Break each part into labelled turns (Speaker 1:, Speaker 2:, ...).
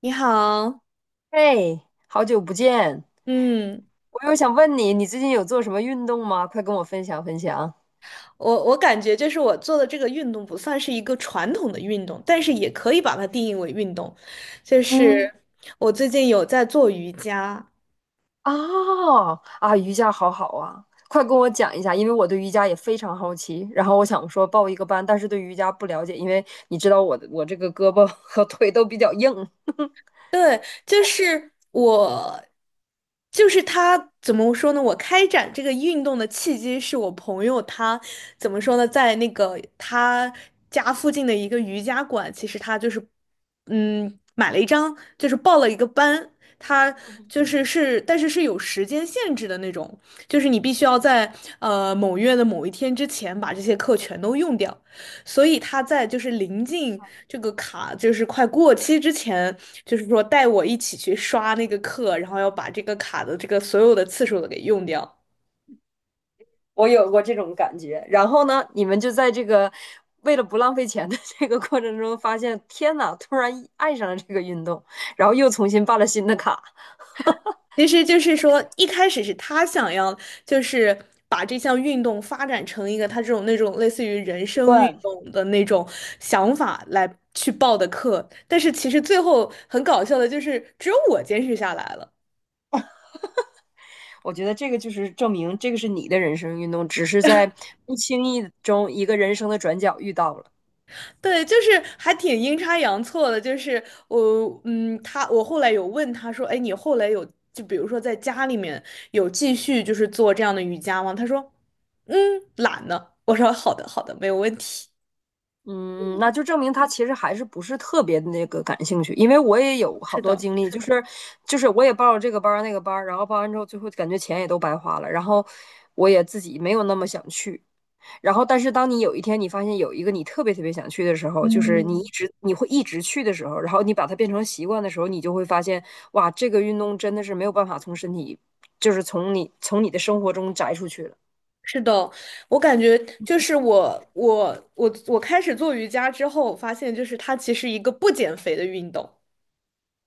Speaker 1: 你好，
Speaker 2: 嘿，好久不见！
Speaker 1: 嗯，
Speaker 2: 我又想问你，你最近有做什么运动吗？快跟我分享分享。
Speaker 1: 我感觉就是我做的这个运动不算是一个传统的运动，但是也可以把它定义为运动。就是
Speaker 2: 嗯，
Speaker 1: 我最近有在做瑜伽，
Speaker 2: 哦，啊，瑜伽好好啊，快跟我讲一下，因为我对瑜伽也非常好奇。然后我想说报一个班，但是对瑜伽不了解，因为你知道我这个胳膊 和腿都比较硬，
Speaker 1: 对，就是我，就是他怎么说呢？我开展这个运动的契机是我朋友他怎么说呢，在那个他家附近的一个瑜伽馆，其实他就是买了一张，就是报了一个班，他就 是，但是是有时间限制的那种，就是你必须要在某月的某一天之前把这些课全都用掉。所以他在就是临近这个卡就是快过期之前，就是说带我一起去刷那个课，然后要把这个卡的这个所有的次数都给用掉。
Speaker 2: 我有过这种感觉。然后呢，你们就在这个为了不浪费钱的 这个过程中，发现天呐，突然爱上了这个运动，然后又重新办了新的卡。
Speaker 1: 其实就是说，一开始是他想要就是把这项运动发展成一个他这种那种类似于人生运动的那种想法来去报的课，但是其实最后很搞笑的就是只有我坚持下来了。
Speaker 2: 我觉得这个就是证明这个是你的人生运动，只是在不经意中一个人生的转角遇到了。
Speaker 1: 对，就是还挺阴差阳错的，就是我，他，我后来有问他说，哎，你后来有，就比如说在家里面有继续就是做这样的瑜伽吗？他说，嗯，懒呢。我说好的，好的，没有问题。
Speaker 2: 嗯，那就证明他其实还是不是特别那个感兴趣，因为我也有好
Speaker 1: 是
Speaker 2: 多
Speaker 1: 的。
Speaker 2: 经历，就是我也报了这个班儿那个班儿，然后报完之后，最后感觉钱也都白花了，然后我也自己没有那么想去，然后，但是当你有一天你发现有一个你特别特别想去的时候，就是你一
Speaker 1: 嗯，
Speaker 2: 直你会一直去的时候，然后你把它变成习惯的时候，你就会发现，哇，这个运动真的是没有办法从身体，就是从你的生活中摘出去了。
Speaker 1: 是的，我感觉就是我开始做瑜伽之后，我发现就是它其实一个不减肥的运动。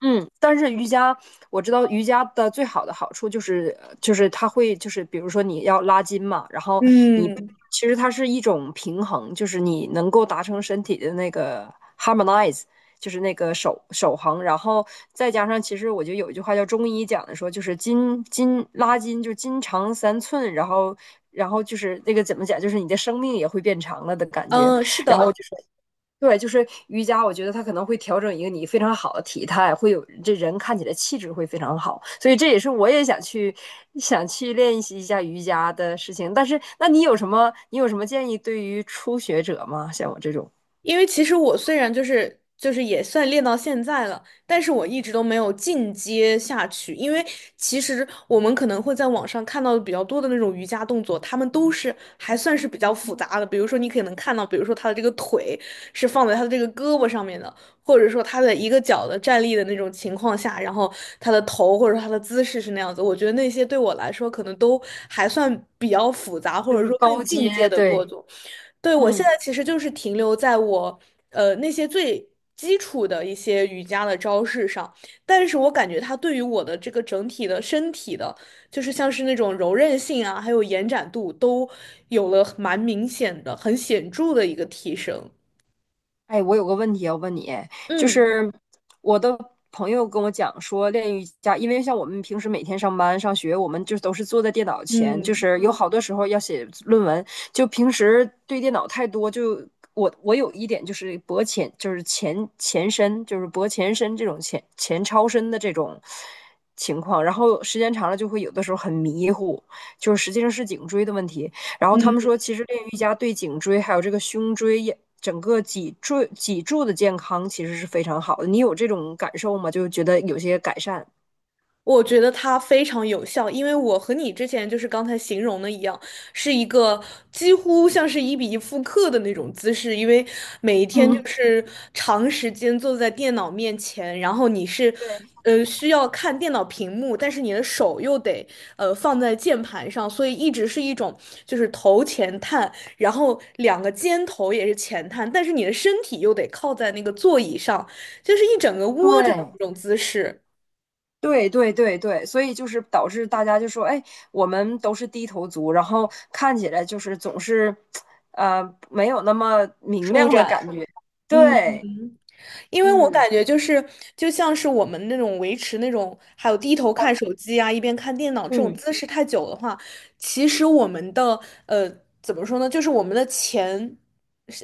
Speaker 2: 嗯，但是瑜伽我知道瑜伽的最好的好处就是它会就是比如说你要拉筋嘛，然后你
Speaker 1: 嗯，
Speaker 2: 其实它是一种平衡，就是你能够达成身体的那个 harmonize，就是那个守恒，然后再加上其实我觉得有一句话叫中医讲的说就是筋拉筋就是筋长三寸，然后就是那个怎么讲就是你的生命也会变长了的感觉，
Speaker 1: 嗯，是
Speaker 2: 然后
Speaker 1: 的，
Speaker 2: 就是对，就是瑜伽，我觉得它可能会调整一个你非常好的体态，会有这人看起来气质会非常好，所以这也是我也想去练习一下瑜伽的事情。但是，那你有什么建议对于初学者吗？像我这种，
Speaker 1: 因为其实我虽然就是也算练到现在了，但是我一直都没有进阶下去。因为其实我们可能会在网上看到的比较多的那种瑜伽动作，他们都是还算是比较复杂的。比如说你可能看到，比如说他的这个腿是放在他的这个胳膊上面的，或者说他的一个脚的站立的那种情况下，然后他的头或者说他的姿势是那样子。我觉得那些对我来说可能都还算比较复杂，
Speaker 2: 就
Speaker 1: 或者
Speaker 2: 是
Speaker 1: 说更
Speaker 2: 高
Speaker 1: 进阶
Speaker 2: 阶，
Speaker 1: 的过
Speaker 2: 对，
Speaker 1: 程。对，我现
Speaker 2: 嗯。
Speaker 1: 在其实就是停留在我那些最基础的一些瑜伽的招式上，但是我感觉它对于我的这个整体的身体的，就是像是那种柔韧性啊，还有延展度都有了蛮明显的、很显著的一个提升。
Speaker 2: 哎，我有个问题要问你，就
Speaker 1: 嗯
Speaker 2: 是我的朋友跟我讲说，练瑜伽，因为像我们平时每天上班上学，我们就都是坐在电脑前，就
Speaker 1: 嗯。
Speaker 2: 是有好多时候要写论文，就平时对电脑太多，就我有一点就是脖前，就是前伸，就是脖前伸这种前超伸的这种情况，然后时间长了就会有的时候很迷糊，就是实际上是颈椎的问题。然后他们
Speaker 1: 嗯。
Speaker 2: 说，其实练瑜伽对颈椎还有这个胸椎也整个脊椎脊柱的健康其实是非常好的。你有这种感受吗？就觉得有些改善。
Speaker 1: 我觉得它非常有效，因为我和你之前就是刚才形容的一样，是一个几乎像是一比一复刻的那种姿势，因为每一天就
Speaker 2: 嗯，
Speaker 1: 是长时间坐在电脑面前，然后你是，
Speaker 2: 对。
Speaker 1: 需要看电脑屏幕，但是你的手又得放在键盘上，所以一直是一种就是头前探，然后两个肩头也是前探，但是你的身体又得靠在那个座椅上，就是一整个窝着的
Speaker 2: 对，
Speaker 1: 那种姿势
Speaker 2: 对对对对，所以就是导致大家就说，哎，我们都是低头族，然后看起来就是总是，呃，没有那么明
Speaker 1: 舒
Speaker 2: 亮的
Speaker 1: 展。
Speaker 2: 感觉。
Speaker 1: 嗯，
Speaker 2: 对，
Speaker 1: 因为我
Speaker 2: 嗯
Speaker 1: 感觉就是，就像是我们那种维持那种，还有低头看手机啊，一边看电脑这种
Speaker 2: 嗯
Speaker 1: 姿势太久的话，其实我们的呃，怎么说呢，就是我们的前，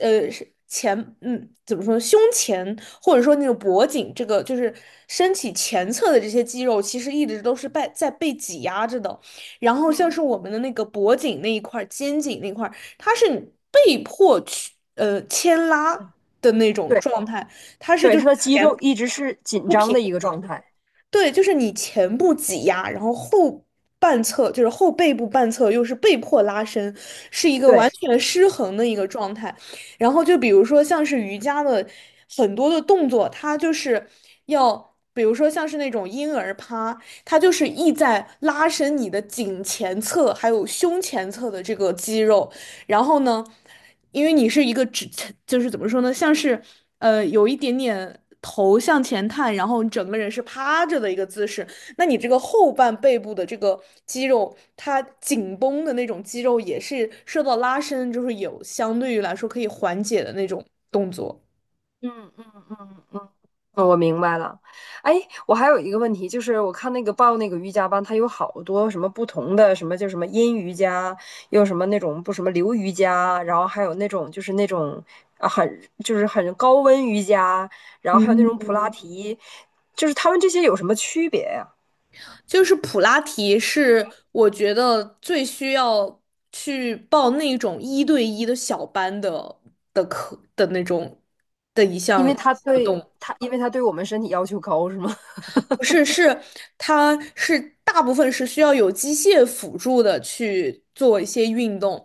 Speaker 1: 是前，怎么说呢，胸前或者说那种脖颈这个，就是身体前侧的这些肌肉，其实一直都是被在被挤压着的。然后像
Speaker 2: 嗯，
Speaker 1: 是我们的那个脖颈那一块儿、肩颈那块儿，它是被迫去牵拉的那种
Speaker 2: 对
Speaker 1: 状态。它是
Speaker 2: 对，
Speaker 1: 就
Speaker 2: 他
Speaker 1: 是
Speaker 2: 的肌
Speaker 1: 前
Speaker 2: 肉一直是紧
Speaker 1: 不
Speaker 2: 张
Speaker 1: 平
Speaker 2: 的一个
Speaker 1: 衡，
Speaker 2: 状态。
Speaker 1: 对，就是你前部挤压，然后后半侧就是后背部半侧又是被迫拉伸，是一个完
Speaker 2: 对，
Speaker 1: 全失衡的一个状态。然后就比如说像是瑜伽的很多的动作，它就是要。比如说，像是那种婴儿趴，它就是意在拉伸你的颈前侧还有胸前侧的这个肌肉，然后呢，因为你是一个直，就是怎么说呢，像是有一点点头向前探，然后你整个人是趴着的一个姿势，那你这个后半背部的这个肌肉，它紧绷的那种肌肉也是受到拉伸，就是有相对于来说可以缓解的那种动作。
Speaker 2: 嗯嗯嗯嗯。我明白了，哎，我还有一个问题，就是我看那个报那个瑜伽班，它有好多什么不同的，什么叫什么阴瑜伽，又什么那种不什么流瑜伽，然后还有那种就是那种啊很就是很高温瑜伽，然后还有那
Speaker 1: 嗯，
Speaker 2: 种普拉提，就是他们这些有什么区别呀？
Speaker 1: 就是普拉提是我觉得最需要去报那种一对一的小班的的课的那种的一
Speaker 2: 因
Speaker 1: 项
Speaker 2: 为它
Speaker 1: 活
Speaker 2: 对
Speaker 1: 动，
Speaker 2: 它，因为它对我们身体要求高，是吗？
Speaker 1: 不是，是它是大部分是需要有机械辅助的去做一些运动，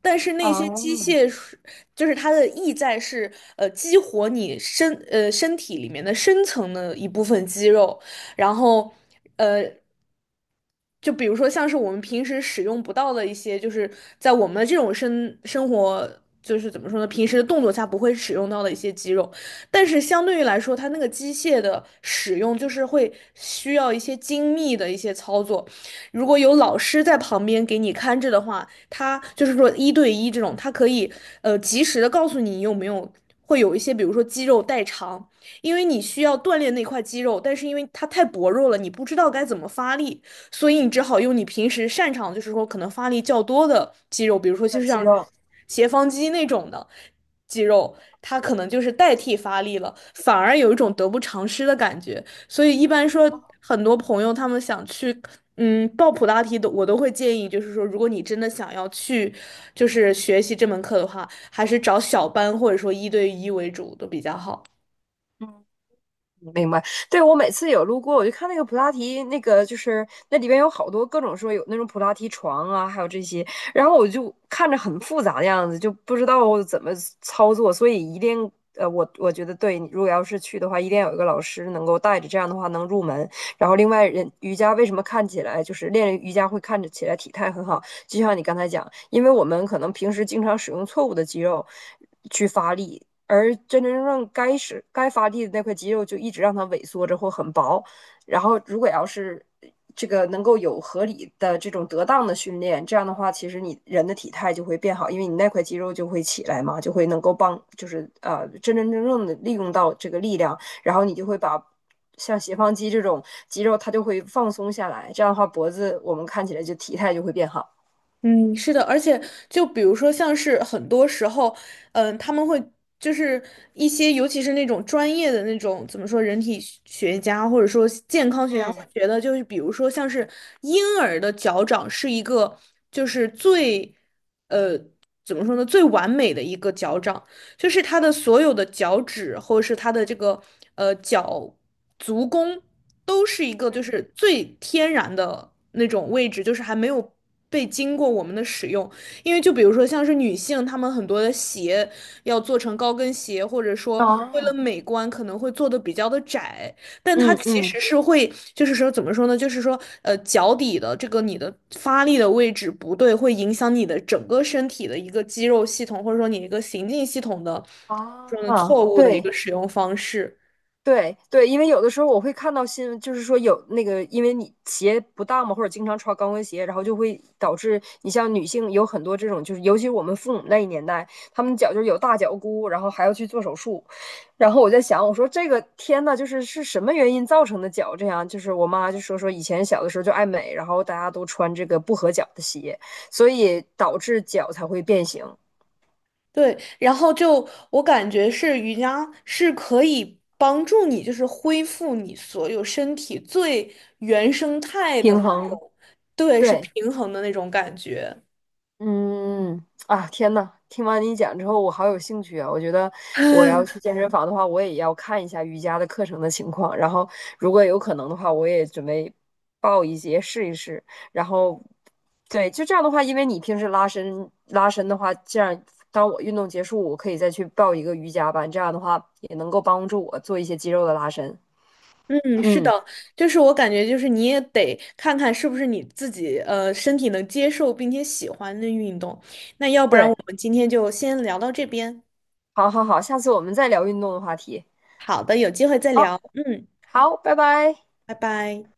Speaker 1: 但是那些机
Speaker 2: 哦，
Speaker 1: 械是就是它的意在是激活你身体里面的深层的一部分肌肉，然后。呃。就比如说像是我们平时使用不到的一些，就是在我们这种生活，就是怎么说呢，平时的动作下不会使用到的一些肌肉，但是相对于来说，它那个机械的使用就是会需要一些精密的一些操作。如果有老师在旁边给你看着的话，他就是说一对一这种，他可以及时的告诉你有没有。会有一些，比如说肌肉代偿，因为你需要锻炼那块肌肉，但是因为它太薄弱了，你不知道该怎么发力，所以你只好用你平时擅长，就是说可能发力较多的肌肉，比如说就
Speaker 2: 长
Speaker 1: 是
Speaker 2: 肌
Speaker 1: 像
Speaker 2: 肉，
Speaker 1: 斜方肌那种的肌肉，它可能就是代替发力了，反而有一种得不偿失的感觉。所以一般说，很多朋友他们想去。报普拉提的我都会建议，就是说，如果你真的想要去，就是学习这门课的话，还是找小班或者说一对一为主都比较好。
Speaker 2: 嗯。明白，对，我每次有路过，我就看那个普拉提，那个就是那里边有好多各种说有那种普拉提床啊，还有这些，然后我就看着很复杂的样子，就不知道怎么操作，所以一定我觉得对，你如果要是去的话，一定要有一个老师能够带着，这样的话能入门。然后另外人瑜伽为什么看起来就是练瑜伽会看着起来体态很好，就像你刚才讲，因为我们可能平时经常使用错误的肌肉去发力。而真正该是该发力的那块肌肉就一直让它萎缩着或很薄。然后，如果要是这个能够有合理的这种得当的训练，这样的话，其实你人的体态就会变好，因为你那块肌肉就会起来嘛，就会能够帮，就是真正的利用到这个力量，然后你就会把。像斜方肌这种肌肉，它就会放松下来，这样的话，脖子我们看起来就体态就会变好。
Speaker 1: 嗯，是的，而且就比如说，像是很多时候，他们会就是一些，尤其是那种专业的那种怎么说，人体学学家或者说健康学家
Speaker 2: 嗯，
Speaker 1: 会觉得，就是比如说像是婴儿的脚掌是一个就是最呃怎么说呢，最完美的一个脚掌。就是他的所有的脚趾或者是他的这个呃脚足弓都是一个就是最天然的那种位置，就是还没有被经过我们的使用。因为就比如说像是女性，她们很多的鞋要做成高跟鞋，或者说为
Speaker 2: 哦，
Speaker 1: 了美观可能会做的比较的窄，但它
Speaker 2: 嗯
Speaker 1: 其
Speaker 2: 嗯，
Speaker 1: 实是会，就是说怎么说呢？就是说，脚底的这个你的发力的位置不对，会影响你的整个身体的一个肌肉系统，或者说你一个行进系统的这种
Speaker 2: 啊，
Speaker 1: 错误的一
Speaker 2: 对。
Speaker 1: 个使用方式。
Speaker 2: 对对，因为有的时候我会看到新闻，就是说有那个，因为你鞋不当嘛，或者经常穿高跟鞋，然后就会导致你像女性有很多这种，就是尤其是我们父母那一年代，他们脚就是有大脚骨，然后还要去做手术。然后我在想，我说这个天呐，就是是什么原因造成的脚这样？就是我妈就说以前小的时候就爱美，然后大家都穿这个不合脚的鞋，所以导致脚才会变形，
Speaker 1: 对，然后就我感觉是瑜伽是可以帮助你，就是恢复你所有身体最原生态的
Speaker 2: 平
Speaker 1: 那
Speaker 2: 衡。
Speaker 1: 种，对，是
Speaker 2: 对。
Speaker 1: 平衡的那种感觉。
Speaker 2: 嗯啊，天呐，听完你讲之后，我好有兴趣啊！我觉得我要 去健身房的话，我也要看一下瑜伽的课程的情况，然后如果有可能的话，我也准备报一节试一试。然后，对，就这样的话，因为你平时拉伸拉伸的话，这样当我运动结束，我可以再去报一个瑜伽班，这样的话也能够帮助我做一些肌肉的拉伸。
Speaker 1: 嗯，是的，
Speaker 2: 嗯，
Speaker 1: 就是我感觉就是你也得看看是不是你自己身体能接受并且喜欢的运动。那要不然
Speaker 2: 对，
Speaker 1: 我们今天就先聊到这边。
Speaker 2: 好好好，下次我们再聊运动的话题。
Speaker 1: 好的，有机会再
Speaker 2: 好，
Speaker 1: 聊。嗯，
Speaker 2: 好，拜拜。
Speaker 1: 拜拜。